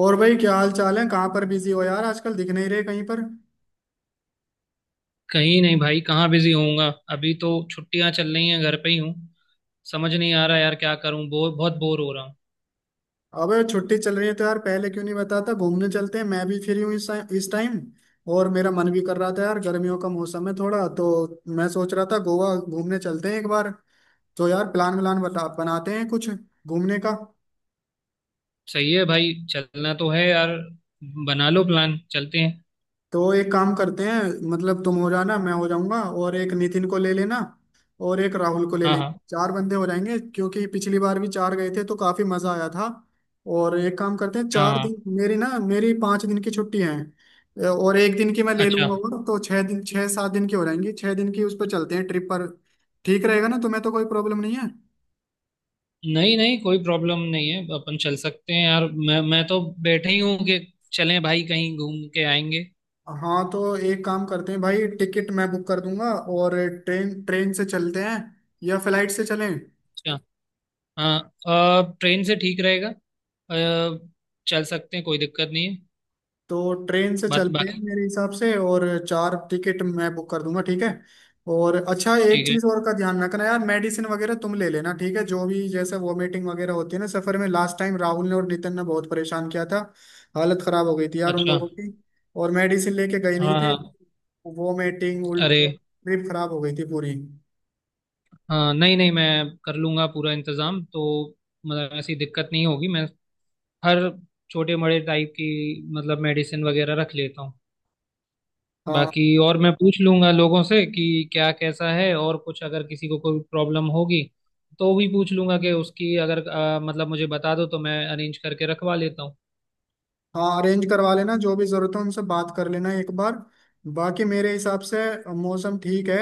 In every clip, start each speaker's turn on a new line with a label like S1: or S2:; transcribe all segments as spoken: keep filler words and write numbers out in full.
S1: और भाई क्या हाल चाल है, कहाँ पर बिजी हो यार, आजकल दिख नहीं रहे कहीं पर।
S2: कहीं नहीं भाई। कहाँ बिजी होऊंगा। अभी तो छुट्टियां चल रही हैं, घर पे ही हूँ। समझ नहीं आ रहा यार, क्या करूँ, बोर बहुत बोर हो रहा हूँ।
S1: अबे छुट्टी चल रही है तो यार पहले क्यों नहीं बताता, घूमने चलते हैं, मैं भी फ्री हूँ इस इस टाइम। और मेरा मन भी कर रहा था यार, गर्मियों का मौसम है थोड़ा तो मैं सोच रहा था गोवा घूमने चलते हैं एक बार। तो यार प्लान व्लान बता, बनाते हैं कुछ घूमने का।
S2: सही है भाई, चलना तो है यार। बना लो प्लान, चलते हैं।
S1: तो एक काम करते हैं, मतलब तुम हो जाना, मैं हो जाऊंगा और एक नितिन को ले लेना और एक राहुल को ले
S2: हाँ
S1: लेंगे,
S2: हाँ
S1: चार बंदे हो जाएंगे, क्योंकि पिछली बार भी चार गए थे तो काफी मजा आया था। और एक काम करते हैं,
S2: हाँ
S1: चार
S2: हाँ,
S1: दिन मेरी ना मेरी पाँच दिन की छुट्टी है और एक दिन की मैं ले
S2: अच्छा।
S1: लूंगा और तो छह दिन, छह सात दिन की हो जाएंगी, छह दिन की, उस पर चलते हैं ट्रिप पर। ठीक रहेगा ना, तुम्हें तो कोई प्रॉब्लम नहीं है।
S2: नहीं नहीं, कोई प्रॉब्लम नहीं है, अपन चल सकते हैं यार। मैं मैं तो बैठे ही हूँ कि चलें भाई, कहीं घूम के आएंगे।
S1: हाँ तो एक काम करते हैं भाई, टिकट मैं बुक कर दूंगा और ट्रेन ट्रेन से चलते हैं या फ्लाइट से चलें।
S2: अच्छा। हाँ। अ, ट्रेन से ठीक रहेगा। अ, चल सकते हैं, कोई दिक्कत नहीं है।
S1: तो ट्रेन से
S2: बात
S1: चलते हैं
S2: बाकी।
S1: मेरे हिसाब से, और चार टिकट मैं बुक कर दूंगा, ठीक है। और अच्छा एक
S2: ठीक है।
S1: चीज और का ध्यान रखना यार, मेडिसिन वगैरह तुम ले लेना, ठीक है, जो भी, जैसे वॉमिटिंग वगैरह होती है ना सफर में, लास्ट टाइम राहुल ने और नितिन ने बहुत परेशान किया था। हालत खराब हो गई थी यार उन
S2: अच्छा।
S1: लोगों की, और मेडिसिन लेके गए नहीं
S2: हाँ
S1: थे।
S2: हाँ।
S1: वॉमिटिंग,
S2: अरे।
S1: उल्टी, ट्रिप खराब हो गई थी पूरी।
S2: हाँ नहीं नहीं, मैं कर लूंगा पूरा इंतजाम तो। मतलब ऐसी दिक्कत नहीं होगी। मैं हर छोटे बड़े टाइप की, मतलब मेडिसिन वगैरह रख लेता हूँ।
S1: हाँ,
S2: बाकी और मैं पूछ लूंगा लोगों से कि क्या कैसा है, और कुछ अगर किसी को कोई प्रॉब्लम होगी तो भी पूछ लूंगा कि उसकी अगर अ, मतलब मुझे बता दो तो मैं अरेंज करके रखवा लेता हूँ।
S1: हाँ अरेंज करवा लेना, जो भी जरूरत हो उनसे बात कर लेना एक बार। बाकी मेरे हिसाब से मौसम ठीक है,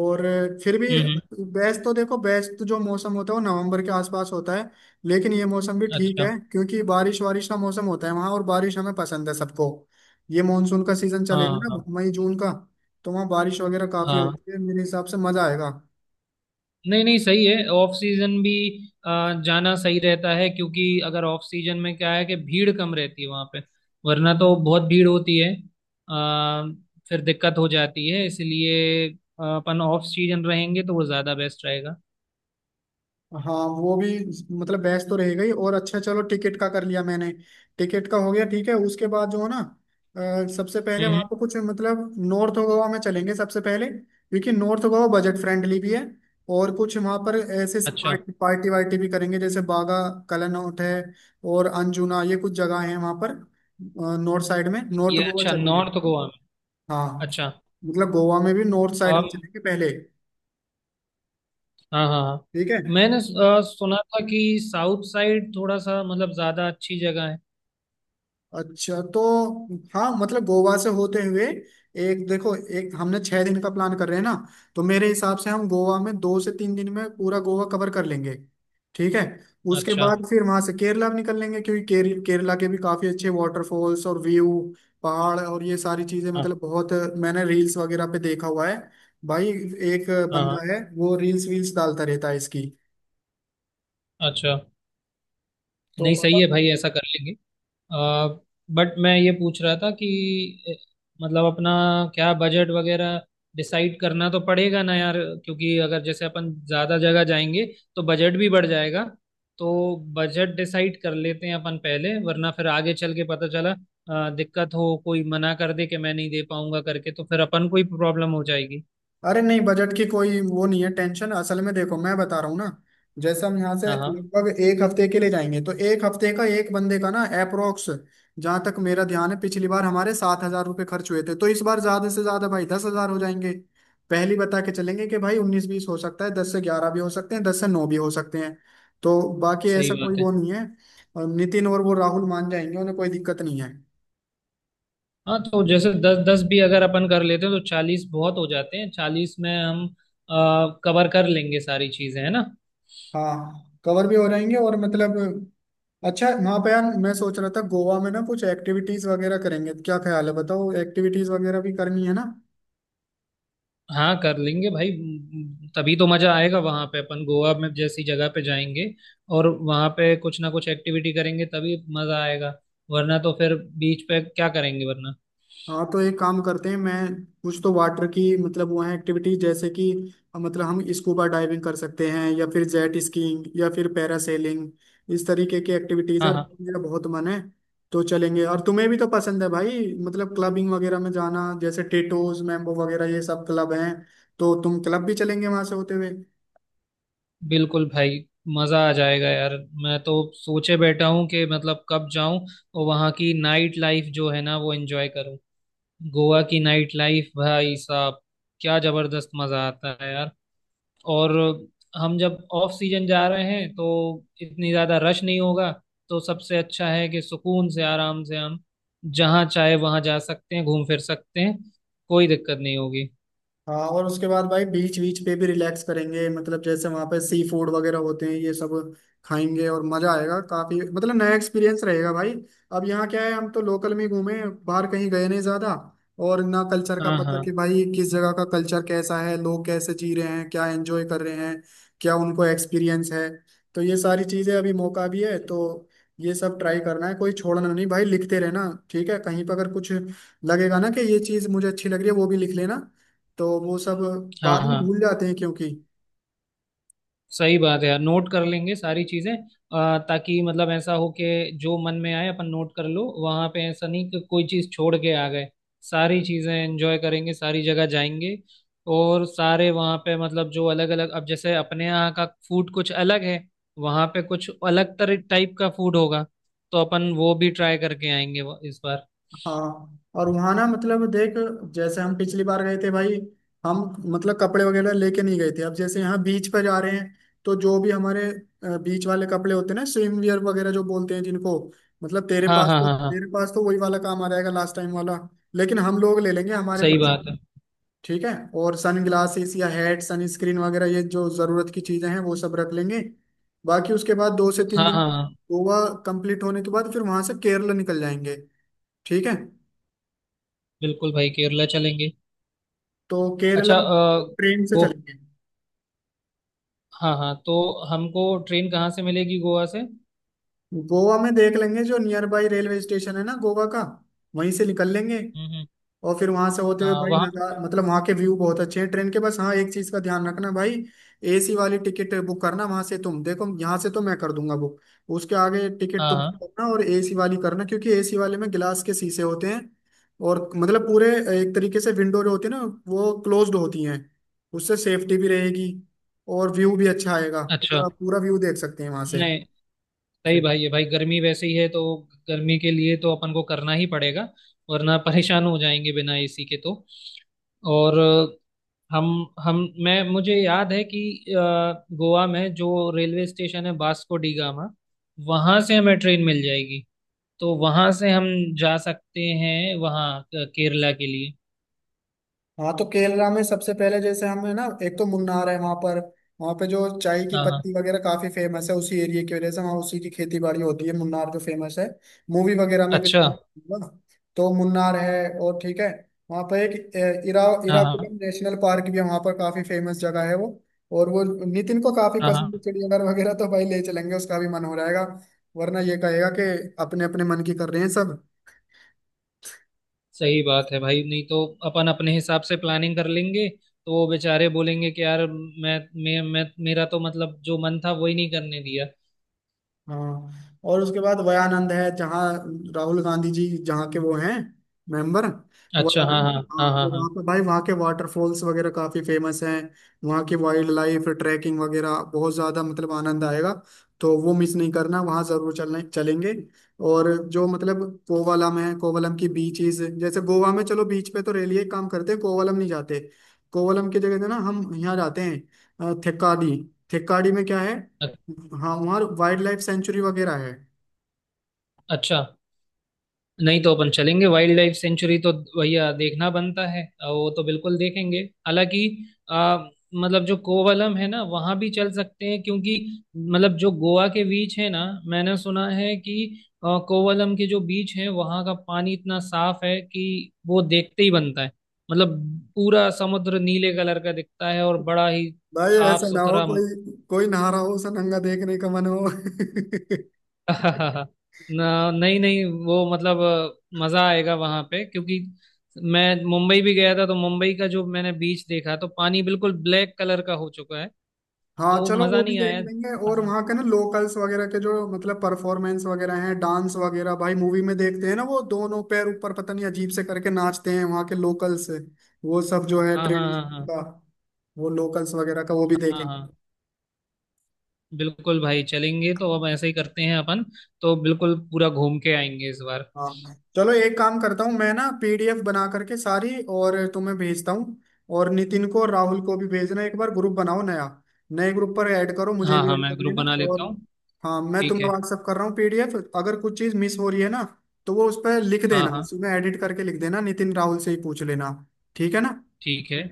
S1: और फिर भी,
S2: हम्म हम्म।
S1: बेस्ट तो, देखो बेस्ट जो मौसम होता है वो नवंबर के आसपास होता है, लेकिन ये मौसम भी ठीक
S2: अच्छा।
S1: है क्योंकि बारिश वारिश का मौसम होता है वहाँ, और बारिश हमें पसंद है सबको। ये मानसून का सीजन
S2: हाँ
S1: चलेगा ना,
S2: हाँ।
S1: मई जून का, तो वहाँ बारिश वगैरह काफी
S2: हाँ
S1: होती है, मेरे हिसाब से मजा आएगा।
S2: नहीं नहीं, सही है, ऑफ सीजन भी आ, जाना सही रहता है, क्योंकि अगर ऑफ सीजन में क्या है कि भीड़ कम रहती है वहां पे, वरना तो बहुत भीड़ होती है। आ, फिर दिक्कत हो जाती है, इसलिए आ, अपन ऑफ सीजन रहेंगे तो वो ज्यादा बेस्ट रहेगा।
S1: हाँ वो भी, मतलब बहस तो रह गई। और अच्छा चलो टिकट का कर लिया मैंने, टिकट का हो गया, ठीक है। उसके बाद जो है ना, अ, सबसे पहले
S2: हम्म।
S1: वहां पर कुछ, मतलब नॉर्थ गोवा में चलेंगे सबसे पहले, क्योंकि नॉर्थ गोवा बजट फ्रेंडली भी है और कुछ वहां पर ऐसे
S2: अच्छा।
S1: पार्टी पार्टी वार्टी भी करेंगे, जैसे बागा, कलानौट है और अंजुना, ये कुछ जगह है वहां पर, नॉर्थ साइड में, नॉर्थ
S2: ये
S1: गोवा
S2: अच्छा,
S1: चलेंगे।
S2: नॉर्थ गोवा में।
S1: हाँ
S2: अच्छा।
S1: मतलब गोवा में भी नॉर्थ साइड में
S2: और
S1: चलेंगे पहले,
S2: हाँ हाँ हाँ।
S1: ठीक है।
S2: मैंने आ, सुना था कि साउथ साइड थोड़ा सा मतलब ज्यादा अच्छी जगह है।
S1: अच्छा तो, हाँ मतलब गोवा से होते हुए, एक देखो, एक हमने छह दिन का प्लान कर रहे हैं ना, तो मेरे हिसाब से हम गोवा में दो से तीन दिन में पूरा गोवा कवर कर लेंगे, ठीक है। उसके
S2: अच्छा।
S1: बाद फिर वहां से केरला भी निकल लेंगे, क्योंकि केर, केरला के भी काफी अच्छे वाटरफॉल्स और व्यू, पहाड़, और ये सारी चीजें,
S2: हाँ
S1: मतलब बहुत, मैंने रील्स वगैरह पे देखा हुआ है भाई। एक
S2: हाँ हाँ,
S1: बंदा है वो रील्स वील्स डालता रहता है इसकी।
S2: अच्छा।
S1: तो,
S2: नहीं सही है भाई, ऐसा कर लेंगे। बट मैं ये पूछ रहा था कि अ, मतलब अपना क्या बजट वगैरह डिसाइड करना तो पड़ेगा ना यार, क्योंकि अगर जैसे अपन ज़्यादा जगह जाएंगे तो बजट भी बढ़ जाएगा। तो बजट डिसाइड कर लेते हैं अपन पहले, वरना फिर आगे चल के पता चला अ, दिक्कत हो, कोई मना कर दे कि मैं नहीं दे पाऊंगा करके, तो फिर अपन को ही प्रॉब्लम हो जाएगी।
S1: अरे नहीं, बजट की कोई वो नहीं है, टेंशन, असल में देखो मैं बता रहा हूँ ना, जैसे हम यहाँ से
S2: हाँ हाँ।
S1: लगभग एक हफ्ते के लिए जाएंगे तो एक हफ्ते का एक बंदे का ना अप्रोक्स, जहाँ तक मेरा ध्यान है पिछली बार हमारे सात हजार रुपये खर्च हुए थे, तो इस बार ज्यादा से ज्यादा भाई दस हजार हो जाएंगे। पहली बता के चलेंगे कि भाई उन्नीस बीस हो सकता है, दस से ग्यारह भी हो सकते हैं, दस से नौ भी हो सकते हैं, तो बाकी
S2: सही
S1: ऐसा कोई
S2: बात है।
S1: वो नहीं है। और नितिन और वो राहुल मान जाएंगे, उन्हें कोई दिक्कत नहीं है।
S2: हाँ, तो जैसे दस दस भी अगर अपन कर लेते हैं तो चालीस बहुत हो जाते हैं, चालीस में हम कवर कर लेंगे सारी चीजें, है ना।
S1: हाँ कवर भी हो जाएंगे और मतलब, अच्छा वहां पे यार मैं सोच रहा था गोवा में ना कुछ एक्टिविटीज वगैरह करेंगे, क्या ख्याल है बताओ, एक्टिविटीज वगैरह भी करनी है ना।
S2: हाँ कर लेंगे भाई, तभी तो मजा आएगा वहां पे। अपन गोवा में जैसी जगह पे जाएंगे और वहां पे कुछ ना कुछ एक्टिविटी करेंगे तभी मजा आएगा, वरना तो फिर बीच पे क्या करेंगे वरना।
S1: हाँ तो एक काम करते हैं, मैं कुछ तो वाटर की, मतलब वो है एक्टिविटीज जैसे कि, अ, मतलब हम स्कूबा डाइविंग कर सकते हैं या फिर जेट स्कीइंग या फिर पैरासेलिंग, इस तरीके की एक्टिविटीज
S2: हाँ
S1: यार,
S2: हाँ।
S1: मेरा बहुत मन है तो चलेंगे। और तुम्हें भी तो पसंद है भाई, मतलब क्लबिंग वगैरह में जाना, जैसे टेटोज, मैम्बो वगैरह ये सब क्लब हैं, तो तुम क्लब भी चलेंगे वहां से होते हुए।
S2: बिल्कुल भाई। मजा आ जाएगा यार, मैं तो सोचे बैठा हूँ कि मतलब कब जाऊं और वहां की नाइट लाइफ जो है ना वो एंजॉय करूं। गोवा की नाइट लाइफ भाई साहब, क्या जबरदस्त मजा आता है यार। और हम जब ऑफ सीजन जा रहे हैं तो इतनी ज्यादा रश नहीं होगा, तो सबसे अच्छा है कि सुकून से, आराम से हम जहाँ चाहे वहाँ जा सकते हैं, घूम फिर सकते हैं, कोई दिक्कत नहीं होगी।
S1: हाँ और उसके बाद भाई बीच बीच पे भी रिलैक्स करेंगे, मतलब जैसे वहां पे सी फूड वगैरह होते हैं ये सब, खाएंगे और मजा आएगा काफी, मतलब नया एक्सपीरियंस रहेगा भाई। अब यहाँ क्या है, हम तो लोकल में ही घूमे, बाहर कहीं गए नहीं ज्यादा, और ना कल्चर का
S2: हाँ
S1: पता
S2: हाँ
S1: कि भाई किस जगह का कल्चर कैसा है, लोग कैसे जी रहे हैं, क्या एंजॉय कर रहे हैं, क्या उनको एक्सपीरियंस है। तो ये सारी चीजें अभी मौका भी है तो ये सब ट्राई करना है, कोई छोड़ना नहीं भाई, लिखते रहना ठीक है, कहीं पर अगर कुछ लगेगा ना कि ये चीज मुझे अच्छी लग रही है वो भी लिख लेना, तो वो सब
S2: हाँ
S1: बाद में
S2: हाँ।
S1: भूल जाते हैं क्योंकि।
S2: सही बात है यार, नोट कर लेंगे सारी चीजें, अ, ताकि मतलब ऐसा हो कि जो मन में आए अपन नोट कर लो वहां पे, ऐसा नहीं कि कोई चीज छोड़ के आ गए। सारी चीजें एंजॉय करेंगे, सारी जगह जाएंगे। और सारे वहां पे मतलब जो अलग अलग, अब जैसे अपने यहाँ का फूड कुछ अलग है, वहां पे कुछ अलग तरह टाइप का फूड होगा, तो अपन वो भी ट्राई करके आएंगे वो- इस बार।
S1: हाँ और वहां ना मतलब देख, जैसे हम पिछली बार गए थे भाई, हम मतलब कपड़े वगैरह लेके नहीं गए थे, अब जैसे यहाँ बीच पर जा रहे हैं तो जो भी हमारे बीच वाले कपड़े होते हैं ना, स्विम वियर वगैरह जो बोलते हैं जिनको, मतलब तेरे
S2: हाँ
S1: पास
S2: हाँ
S1: तो
S2: हाँ हाँ।
S1: तेरे पास तो वही वाला काम आ जाएगा लास्ट टाइम वाला, लेकिन हम लोग ले लेंगे हमारे
S2: सही
S1: पास,
S2: बात है।
S1: ठीक है। और सन ग्लासेस या हेड सन स्क्रीन वगैरह ये जो जरूरत की चीजें हैं वो सब रख लेंगे। बाकी उसके बाद दो से तीन
S2: हाँ
S1: दिन
S2: हाँ हाँ।
S1: गोवा कंप्लीट होने के बाद फिर वहां से केरला निकल जाएंगे, ठीक है।
S2: बिल्कुल भाई, केरला चलेंगे।
S1: तो केरला
S2: अच्छा। अ,
S1: ट्रेन से
S2: वो।
S1: चलेंगे,
S2: हाँ हाँ, तो हमको ट्रेन कहाँ से मिलेगी गोवा से। हम्म।
S1: गोवा में देख लेंगे जो नियर बाई रेलवे स्टेशन है ना गोवा का, वहीं से निकल लेंगे।
S2: हम्म।
S1: और फिर वहां से होते हुए
S2: आ,
S1: भाई
S2: वहाँ
S1: नज़ारा,
S2: पे-
S1: मतलब वहां के व्यू बहुत अच्छे हैं ट्रेन के, बस हाँ एक चीज का ध्यान रखना भाई, ए सी वाली टिकट बुक करना, वहां से तुम देखो, यहाँ से तो मैं कर दूंगा बुक, उसके आगे टिकट
S2: हाँ
S1: तुम
S2: हाँ।
S1: करना, और ए सी वाली करना, क्योंकि ए सी वाले में गिलास के शीशे होते हैं, और मतलब पूरे एक तरीके से विंडो जो होती है ना वो क्लोज्ड होती हैं, उससे सेफ्टी भी रहेगी और व्यू भी अच्छा आएगा,
S2: अच्छा।
S1: पूरा पूरा व्यू देख सकते हैं वहां से।
S2: नहीं सही भाई है भाई, गर्मी वैसे ही है तो गर्मी के लिए तो अपन को करना ही पड़ेगा, वरना परेशान हो जाएंगे बिना ए सी के तो। और अ, हम हम मैं मुझे याद है कि अ, गोवा में जो रेलवे स्टेशन है वास्को डी गामा, वहाँ से हमें ट्रेन मिल जाएगी, तो वहाँ से हम जा सकते हैं वहाँ अ, केरला के लिए।
S1: हाँ तो केरला में सबसे पहले जैसे हम है ना, एक तो मुन्नार है वहां पर, वहां पे जो चाय की
S2: हाँ हाँ।
S1: पत्ती वगैरह काफी फेमस है उसी एरिया की वजह से, वहाँ उसी की खेती बाड़ी होती है, मुन्नार जो फेमस है मूवी वगैरह में भी
S2: अच्छा।
S1: ना, तो मुन्नार है और ठीक है, वहाँ पर एक ए, इरा
S2: हाँ
S1: इराकुलम
S2: हाँ
S1: नेशनल पार्क भी है वहाँ पर, काफी फेमस जगह है वो, और वो नितिन को काफी
S2: हाँ हाँ।
S1: पसंद है चिड़ियाघर वगैरह, तो भाई ले चलेंगे, उसका भी मन हो जाएगा, वरना ये कहेगा कि अपने अपने मन की कर रहे हैं सब।
S2: सही बात है भाई, नहीं तो अपन अपने हिसाब से प्लानिंग कर लेंगे, तो वो बेचारे बोलेंगे कि यार मैं मैं मैं मेरा तो मतलब जो मन था वही नहीं करने दिया।
S1: हाँ और उसके बाद वयानंद है, जहाँ राहुल गांधी जी जहाँ के वो हैं मेंबर,
S2: अच्छा हाँ
S1: वयानंद,
S2: हाँ
S1: हाँ
S2: हाँ हाँ
S1: तो
S2: हाँ।
S1: वहाँ पे भाई वहाँ के वाटरफॉल्स वगैरह काफी फेमस हैं, वहाँ की वाइल्ड लाइफ ट्रैकिंग वगैरह बहुत ज्यादा, मतलब आनंद आएगा, तो वो मिस नहीं करना, वहाँ जरूर चलने चलेंगे। और जो मतलब कोवलम है, कोवलम की बीचेस, जैसे गोवा में चलो बीच पे तो रेलिए काम करते हैं, कोवलम नहीं जाते, कोवलम की जगह से ना हम यहाँ जाते हैं अ, थेक्काडी, थेक्काडी में क्या है,
S2: अ-
S1: हाँ वहाँ वाइल्ड लाइफ सेंचुरी वगैरह है।
S2: अच्छा। नहीं, तो अपन चलेंगे वाइल्ड लाइफ सेंचुरी तो, भैया देखना बनता है, अ, वो तो बिल्कुल देखेंगे। हालांकि आ, मतलब जो कोवलम है ना वहां भी चल सकते हैं, क्योंकि मतलब जो गोवा के बीच है ना, मैंने सुना है कि अ, कोवलम के जो बीच है वहां का पानी इतना साफ है कि वो देखते ही बनता है। मतलब पूरा समुद्र नीले कलर का दिखता है और बड़ा ही
S1: भाई
S2: साफ
S1: ऐसा ना हो
S2: सुथरा।
S1: कोई कोई नहा रहा हो उसे नंगा देखने का मन हो
S2: ना नहीं नहीं, वो मतलब अ, मजा आएगा वहां पे, क्योंकि मैं मुंबई भी गया था तो मुंबई का जो मैंने बीच देखा तो पानी बिल्कुल ब्लैक कलर का हो चुका है,
S1: हाँ
S2: तो
S1: चलो वो
S2: मजा
S1: भी
S2: नहीं
S1: देख
S2: आया।
S1: लेंगे, और
S2: मजा।
S1: वहाँ के ना लोकल्स वगैरह के जो मतलब परफॉर्मेंस वगैरह हैं, डांस वगैरह, भाई मूवी में देखते हैं ना, वो दोनों पैर ऊपर, पता नहीं अजीब से करके नाचते हैं वहाँ के लोकल्स, वो सब जो है
S2: हाँ हाँ हाँ
S1: ट्रेडिशन
S2: हाँ
S1: का, वो लोकल्स वगैरह का, वो भी
S2: हाँ
S1: देखेंगे।
S2: हाँ। बिल्कुल भाई चलेंगे, तो अब ऐसे ही करते हैं अपन, तो बिल्कुल पूरा घूम के आएंगे इस बार।
S1: हाँ चलो एक काम करता हूँ मैं ना, पी डी एफ बना करके सारी, और तुम्हें भेजता हूँ, और नितिन को और राहुल को भी भेजना, एक बार ग्रुप बनाओ नया, नए ग्रुप पर ऐड करो, मुझे
S2: हाँ
S1: भी
S2: हाँ।
S1: ऐड
S2: मैं
S1: कर
S2: ग्रुप
S1: लेना
S2: बना लेता
S1: और,
S2: हूँ।
S1: हाँ मैं
S2: ठीक
S1: तुम्हें
S2: है।
S1: व्हाट्सअप कर रहा हूँ पी डी एफ, अगर कुछ चीज़ मिस हो रही है ना तो वो उस पर लिख
S2: हाँ
S1: देना,
S2: हाँ।
S1: उसमें एडिट करके लिख देना, नितिन राहुल से ही पूछ लेना, ठीक है ना।
S2: ठीक है।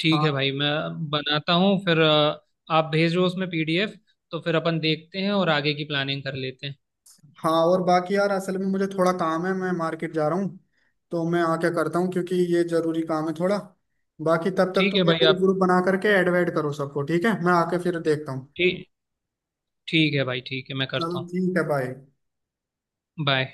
S2: ठीक है
S1: हाँ,
S2: भाई, मैं बनाता हूँ फिर। अ, आप भेजो उसमें पी डी एफ, तो फिर अपन देखते हैं और आगे की प्लानिंग कर लेते हैं।
S1: हाँ और बाकी यार असल में मुझे थोड़ा काम है, मैं मार्केट जा रहा हूँ, तो मैं आके करता हूँ, क्योंकि ये जरूरी काम है थोड़ा, बाकी तब तक
S2: ठीक
S1: तुम
S2: है
S1: ये
S2: भाई।
S1: ग्रुप
S2: आप
S1: ग्रुप बना करके ऐड वैड करो सबको, ठीक है मैं आके फिर देखता हूँ।
S2: ठीक। ठीक है भाई, ठीक है मैं
S1: चलो
S2: करता हूँ।
S1: ठीक है, बाय।
S2: बाय।